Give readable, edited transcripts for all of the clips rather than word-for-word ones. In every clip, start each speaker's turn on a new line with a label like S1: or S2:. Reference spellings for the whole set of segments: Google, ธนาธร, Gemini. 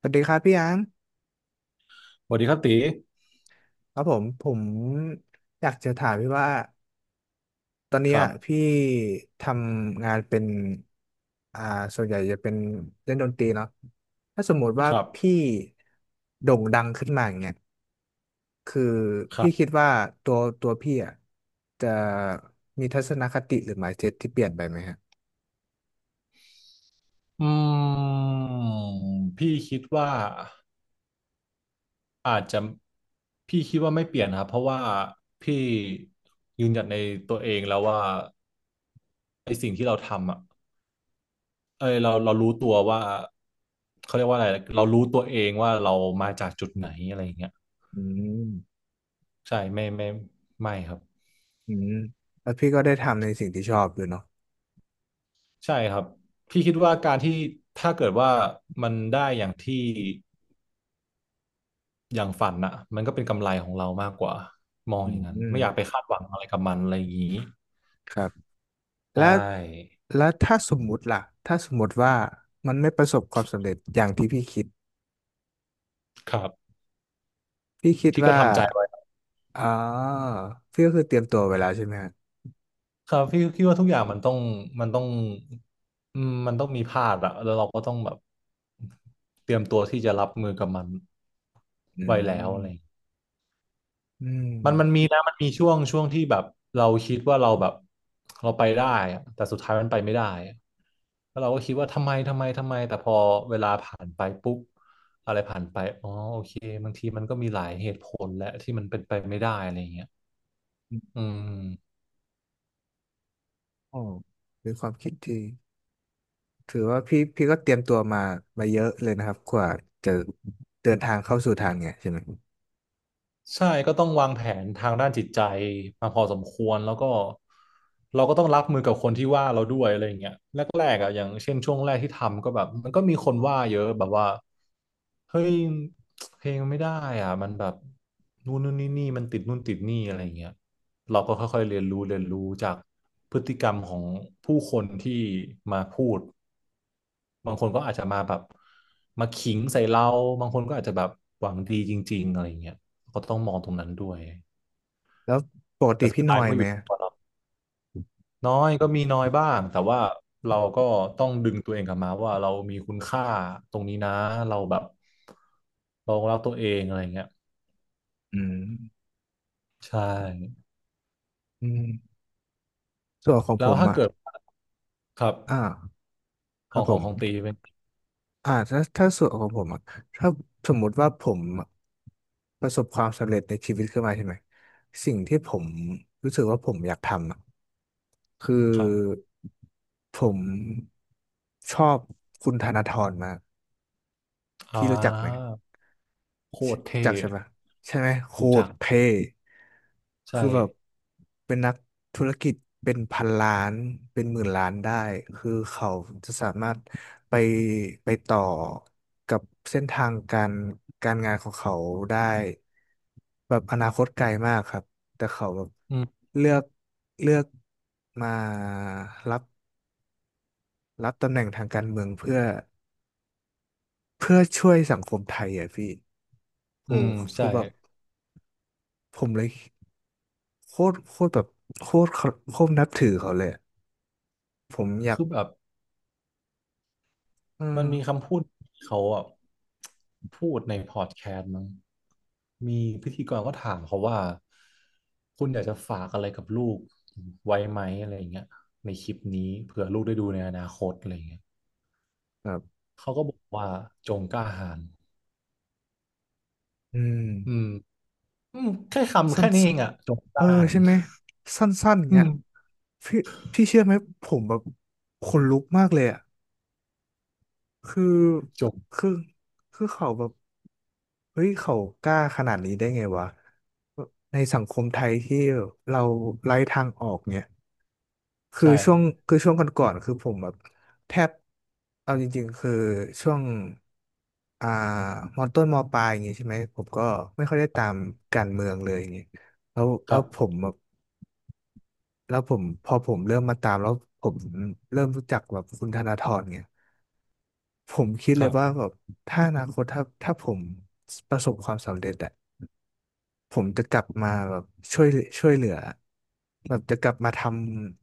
S1: สวัสดีครับพี่ยัง
S2: สวัสดีครับตี
S1: ครับผมอยากจะถามพี่ว่าตอนเนี้
S2: ค
S1: ย
S2: รับ
S1: พี่ทำงานเป็นอ่าส่วนใหญ่จะเป็นเล่นดนตรีเนาะถ้าสมมติว่า
S2: ครับ
S1: พี่โด่งดังขึ้นมาอย่างเงี้ยคือ
S2: ครั
S1: พี่คิ
S2: บ
S1: ดว่าตัวพี่อ่ะจะมีทัศนคติหรือ mindset ที่เปลี่ยนไปไหมฮะ
S2: อืมพี่คิดว่าอาจจะพี่คิดว่าไม่เปลี่ยนครับเพราะว่าพี่ยืนหยัดในตัวเองแล้วว่าไอ้สิ่งที่เราทำอ่ะเอ้ยเรารู้ตัวว่าเขาเรียกว่าอะไรเรารู้ตัวเองว่าเรามาจากจุดไหนอะไรอย่างเงี้ย
S1: อืม
S2: ใช่ไม่ไม่ไม่ครับ
S1: อืมแล้วพี่ก็ได้ทำในสิ่งที่ชอบด้วยเนาะ
S2: ใช่ครับพี่คิดว่าการที่ถ้าเกิดว่ามันได้อย่างที่ อย่างฝันน่ะมันก็เป็นกำไรของเรามากกว่ามอง
S1: อื
S2: อย่างนั้นไม่อยากไป
S1: ม
S2: คาดหวังอะไรกับมันอะไรอย่างนี้
S1: ครับ
S2: ใช
S1: แล้ว
S2: ่
S1: แล้วถ้าสมมุติล่ะถ้าสมมุติว่ามันไม่ประสบความสำเร็จอย่างที่พี่คิด
S2: ครับ
S1: พี่คิด
S2: พี่ก็
S1: ว่า
S2: ทำใจไว้
S1: อ๋อพี่ก็คือเตรียมตัวไว้แล้วใช่ไหมฮะ
S2: ครับพี่คิดว่าทุกอย่างมันต้องมันต้องมันต้องมีพลาดอะแล้วเราก็ต้องแบบเตรียมตัวที่จะรับมือกับมัน
S1: อื
S2: ไว้แล้ว
S1: ม
S2: อะไรอย่างเงี้ย
S1: อืม
S2: มันมีนะมันมีช่วงที่แบบเราคิดว่าเราแบบเราไปได้อะแต่สุดท้ายมันไปไม่ได้อะแล้วเราก็คิดว่าทำไมทำไมทำไมแต่พอเวลาผ่านไปปุ๊บอะไรผ่านไปอ๋อโอเคบางทีมันก็มีหลายเหตุผลแหละที่มันเป็นไปไม่ได้อะไรอย่างเงี้ย
S1: อื
S2: อื
S1: ม
S2: ม
S1: โอ้เป็นความคิดที่ถือว่าพี่ก็เตรียมตัวมาเยอะเลยนะครับกว่าจะเดินทางเข้าสู่ทางเนี่ยใช่ไหม
S2: ใช่ก็ต้องวางแผนทางด้านจิตใจมาพอสมควรแล้วก็เราก็ต้องรับมือกับคนที่ว่าเราด้วยอะไรอย่างเงี้ยแรกๆอ่ะอย่างเช่นช่วงแรกที่ทำก็แบบมันก็มีคนว่าเยอะแบบว่าเฮ้ยเพลงไม่ได้อ่ะมันแบบนู่นนู่นนี่นี่มันติดนู่นติดนี่อะไรอย่างเงี้ยเราก็ค่อยๆเรียนรู้จากพฤติกรรมของผู้คนที่มาพูด บางคนก็อาจจะมาแบบมาขิงใส่เราบางคนก็อาจจะแบบหวังดีจริงๆอะไรอย่างเงี้ยก็ต้องมองตรงนั้นด้วย
S1: แล้วปก
S2: แต่
S1: ติ
S2: สุด
S1: พี่น
S2: ท้าย
S1: อ
S2: มั
S1: ย
S2: นก็
S1: ไห
S2: อ
S1: ม
S2: ยู่ที่
S1: อะ
S2: ตัวเราน้อยก็มีน้อยบ้างแต่ว่าเราก็ต้องดึงตัวเองกลับมาว่าเรามีคุณค่าตรงนี้นะเราแบบเรารักตัวเองอะไรอย่างเงี้ย
S1: อืม
S2: ใช่
S1: อืมส่วนของ
S2: แล้
S1: ผ
S2: ว
S1: ม
S2: ถ้า
S1: อ่ะ
S2: เกิดครับ
S1: อ่าค
S2: ข
S1: รั
S2: อ
S1: บ
S2: ง
S1: ผ
S2: ของ
S1: ม
S2: ของตีเป็น
S1: อ่าถ้าส่วนของผมอะถ้าสมมุติว่าผมประสบความสำเร็จในชีวิตขึ้นมาใช่ไหมสิ่งที่ผมรู้สึกว่าผมอยากทำอะคือ
S2: ครับ
S1: ผมชอบคุณธนาธรมาก
S2: อ่
S1: พี่รู้จักไหม
S2: าโค
S1: ใช่
S2: ตร
S1: รู้
S2: เท่
S1: จักใช่ไหมใช่ไหมโค
S2: รู้
S1: ต
S2: จั
S1: ร
S2: ก
S1: เท่
S2: ใช่
S1: คือแบบเป็นนักธุรกิจเป็นพันล้านเป็นหมื่นล้านได้คือเขาจะสามารถไปต่อกับเส้นทางการงานของเขาได้แบบอนาคตไกลมากครับแต่เขาแบบ
S2: อืม
S1: เลือกเลือกมารับรับตำแหน่งทางการเมืองเพื่อช่วยสังคมไทยอ่ะพี่
S2: อื
S1: โอ้
S2: ม
S1: คื
S2: ใช่
S1: อแบบผมเลย โคตรโคตรแบบโคตรเขาโคตรนับถือเขาเลยอะผมอยาก
S2: คือแบบ
S1: เออ
S2: มันมีคำพูดที่เขาอ่ะพูดในพอดแคสต์มั้งมีพิธีกรก็ถามเขาว่าคุณอยากจะฝากอะไรกับลูกไว้ไหมอะไรอย่างเงี้ยในคลิปนี้เผื่อลูกได้ดูในอนาคตอะไรอย่างเงี้ย
S1: แบบ
S2: เขาก็บอกว่าจงกล้าหาญ
S1: อืม
S2: อืมอืมแค่คำ
S1: สั้
S2: แค่
S1: น
S2: นี้เอ
S1: สั้น
S2: งอ่ะจงก
S1: เอ
S2: ล้า
S1: อ
S2: หาญ
S1: ใช่ไหมสั้นๆอย่าง
S2: อื
S1: เงี้ย
S2: ม
S1: พี่พี่เชื่อไหมผมแบบขนลุกมากเลยอ่ะคือ
S2: จง
S1: คือคือเขาแบบเฮ้ยเขากล้าขนาดนี้ได้ไงวะในสังคมไทยที่เราไร้ทางออกเนี่ย คือ
S2: ใช่
S1: ช่วงคือช่วงก่อนๆคือผมแบบแทบเอาจริงๆคือช่วงอ่ามอต้นมอปลายอย่างงี้ใช่ไหมผมก็ไม่ค่อยได้
S2: ครั
S1: ตาม
S2: บ
S1: การเมืองเลยอย่างงี้แล้วแล้วผมแบบแล้วผมพอผมเริ่มมาตามแล้วผมเริ่มรู้จักแบบคุณธนาธรเนี่ยผมคิด
S2: ค
S1: เล
S2: รั
S1: ยว่าแบ
S2: บ
S1: บถ้าอนาคตถ้าผมประสบความสำเร็จอะ ผมจะกลับมาแบบช่วยช่วยเหลือแบบจะกลับมาท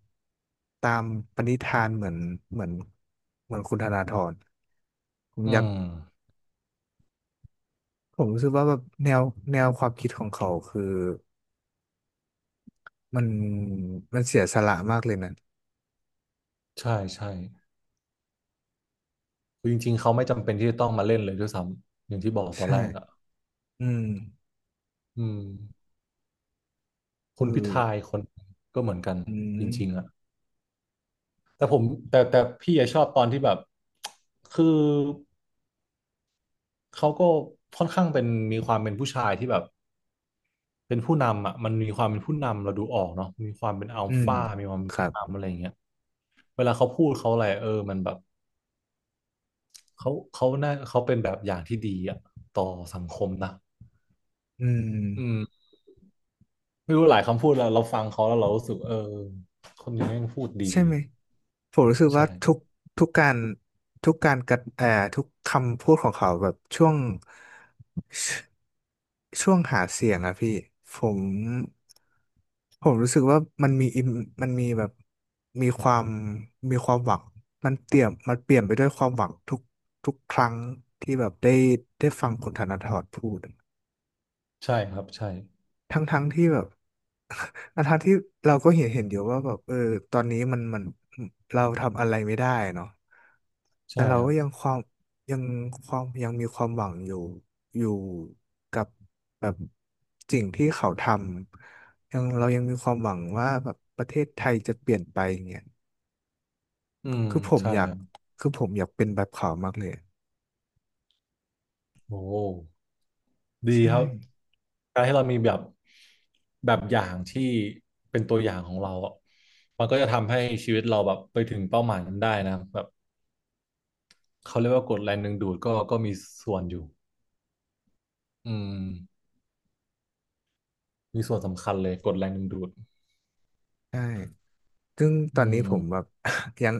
S1: ำตามปณิธานเหมือนเหมือนคุณธนาธรผม
S2: อื
S1: อยาก
S2: ม
S1: ผมรู้สึกว่าแบบแนวความคิดของเขาคือมันมันเสียสละมากเลยนะ
S2: ใช่ใช่คือจริงๆเขาไม่จำเป็นที่จะต้องมาเล่นเลยด้วยซ้ำอย่างที่บอกตอน
S1: ใช่
S2: แรกอ่ะ
S1: อืม
S2: อืม คุ
S1: คือ
S2: ณพิธายคนก็เหมือนกัน
S1: อื
S2: จริงๆ
S1: ม
S2: อะแต่ผมแต่แต่พี่อะชอบตอนที่แบบคือเขาก็ค่อนข้างเป็นมีความเป็นผู้ชายที่แบบเป็นผู้นำอะมันมีความเป็นผู้นำเราดูออกเนาะมีความเป็นอัล
S1: อืม
S2: ฟามีความเป็
S1: ค
S2: น
S1: รั
S2: ผู้
S1: บ
S2: นำอะไรอย่างเงี้ยเวลาเขาพูดเขาอะไรเออมันแบบเขาเขาน่าเขาเป็นแบบอย่างที่ดีอะต่อสังคมนะ
S1: อื
S2: อื
S1: ม
S2: มไม่รู้หลายคำพูดเราฟังเขาแล้วเรารู้สึกเออคนนี้แม่งพูดดี
S1: ใช่ไหมผมรู้สึก
S2: ใช่
S1: ว่าทุกการทุกการกระเอ่อทุกคำพูดของเขาแบบช่วงหาเสียงอะพี่ผมผมรู้สึกว่ามันมีมมันมีแบบมีความมีความหวังมันเตี่ยมมันเปลี่ยนไปด้วยความหวังทุกครั้งที่แบบได้ฟังคุณธนาธรพูด
S2: ใช่ครับใช่
S1: ทั้งที่แบบ ทั้งที่เราก็เห็นอยู่ว่าแบบเออตอนนี้มันเราทำอะไรไม่ได้เนาะแต่
S2: ใช่
S1: เรา
S2: ครั
S1: ก็
S2: บ
S1: ยังยังมีความหวังอยู่อยู่กับแบบสิ่งที่เขาทำยังเรายังมีความหวังว่าแบบประเทศไทยจะเปลี่ยนไปอย่างเงี้ย
S2: อืม
S1: คือผม
S2: ใช่
S1: อยา
S2: ค
S1: ก
S2: รับ
S1: คือผมอยากเป็นแบบเขามากเลย
S2: โอ้ดี
S1: ใช่
S2: ครับการให้เรามีแบบแบบอย่างที่เป็นตัวอย่างของเราอะมันก็จะทำให้ชีวิตเราแบบไปถึงเป้าหมายนั้นได้นะแบบเขาเรียกว่ากฎแรงดึงดูดก็มีส่วนอยู่อืมมีส่วนสำคัญเลยกฎแรงดึงดูด
S1: ใช่ ซึ่งต
S2: อื
S1: อนนี้ผ
S2: ม
S1: มแบบ ยัง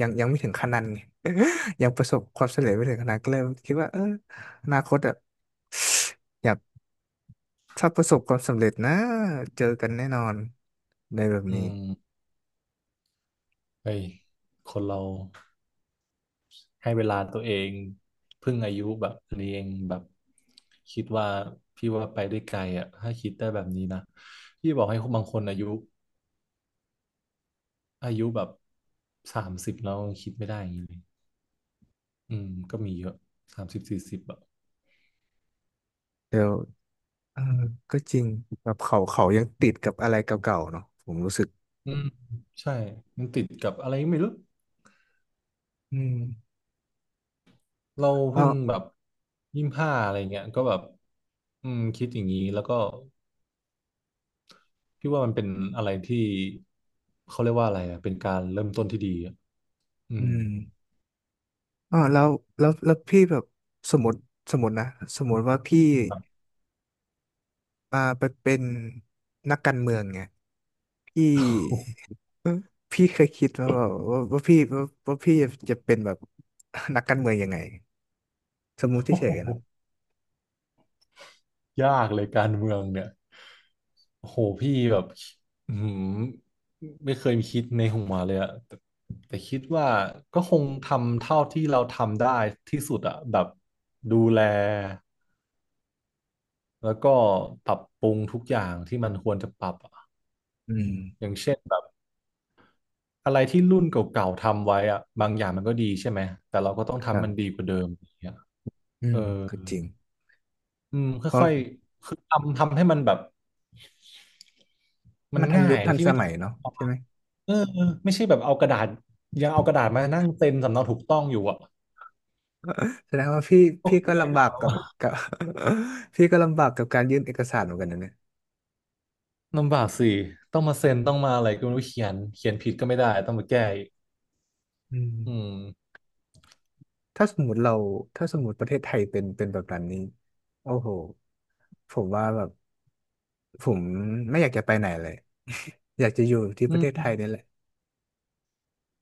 S1: ยังไม่ถึงขนาดนั้นไง ยังประสบความสำเร็จไม่ถึงขนาดนั้นก็เลยคิดว่าเอออนาคตอะอยากถ้าประสบความสำเร็จนะเจอกันแน่นอนในแบบ
S2: อื
S1: นี้
S2: มเฮ้ยคนเราให้เวลาตัวเองเพิ่งอายุแบบนี้เองแบบคิดว่าพี่ว่าไปได้ไกลอ่ะถ้าคิดได้แบบนี้นะพี่บอกให้บางคนอายุ อายุแบบสามสิบแล้วคิดไม่ได้อย่างนี้เลยอืมก็มีเยอะสามสิบสี่สิบอะ
S1: เดี๋ยวเออก็จริงแบบเขายังติดกับอะไรเก่าๆเนาะผมรู้สึก
S2: อืมใช่ มันติดกับอะไรก็ไม่รู้
S1: อืม
S2: เรา
S1: อ๋อ
S2: เพิ่งแบบยี่สิบห้าอะไรเงี้ยก็แบบอืมคิดอย่างนี้แล้วก็พี่ว่ามันเป็นอะไรที่เขาเรียกว่าอะไรอะเป็นการเริ่มต้นที่ดีอะอื
S1: อื
S2: ม
S1: มอ๋อแล้วพี่แบบสมมติสมมตินะสมมติว่าพี่มาไปเป็นนักการเมืองไงพี่ เออพี่เคยคิดว่าแบบว่าพี่จะเป็นแบบ นักการเมืองยังไงสมมุติเฉยๆนะ
S2: ยากเลยการเมืองเนี่ยโอ้โหพี่แบบอืมไม่เคยคิดในหัวเลยอะแต่แต่คิดว่าก็คงทำเท่าที่เราทำได้ที่สุดอะแบบดูแลแล้วก็ปรับปรุงทุกอย่างที่มันควรจะปรับอะ
S1: อืม
S2: อย่างเช่นแบบอะไรที่รุ่นเก่าๆทำไว้อะบางอย่างมันก็ดีใช่ไหมแต่เราก็ต้อง
S1: ครั
S2: ทำมันดี
S1: บ
S2: กว่าเดิมอย่างเงี้ย
S1: อื
S2: เอ
S1: ม
S2: อ
S1: ก็จริง
S2: อืม
S1: เพราะ
S2: ค่อยๆคือทำให้มันแบบมัน
S1: มันทัน
S2: ง่า
S1: ยุค
S2: ย
S1: ทัน
S2: ที่
S1: ส
S2: ไม่ต้อ
S1: มั
S2: ง
S1: ยเนาะใช่ไหม
S2: เออไม่ใช่แบบเอากระดาษยังเอากระดาษมานั่งเซ็นสำเนาถูกต้องอยู่อ่ะ
S1: แสดงว่า
S2: ก็
S1: พี่
S2: คง
S1: ก็
S2: ไม่
S1: ลำบากกับกับ พี่ก็ลำบากกับการยื่นเอกสารเหมือนกันนะเนี่ย
S2: ลำบากสิต้องมาเซ็นต้องมาอะไรก็ไม่รู้เขียนผิดก็ไม่ได้ต้องมาแก้อีก
S1: อื
S2: อืม
S1: มถ้าสมมติเราถ้าสมมติประเทศไทยเป็นแบบนั้นนี้โอ้โหผมว่าแบบผมไม่อยากจะไปไหนเลย อยากจะอยู่ที่
S2: อื
S1: ประเทศไท
S2: ม
S1: ยนี่แหละ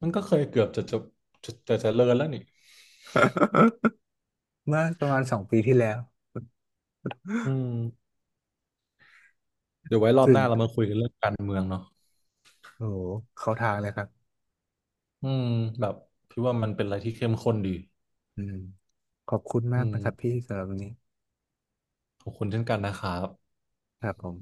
S2: มันก็เคยเกือบจะเลินแล้วนี่
S1: เมื่อประมาณ2 ปีที่แล้ว
S2: อืมเดี๋ยวไว้รอบ
S1: ตื่
S2: ห
S1: น
S2: น้าเรามาคุยกันเรื่องการเมืองเนาะ
S1: โอ้โหเข้าทางเลยครับ
S2: อืมแบบพี่ว่ามันเป็นอะไรที่เข้มข้นดี
S1: อืมขอบคุณ
S2: อื
S1: มากนะครับพี่
S2: ม
S1: สำหรับวันนี้
S2: ขอบคุณเช่นกันนะครับ
S1: ครับผม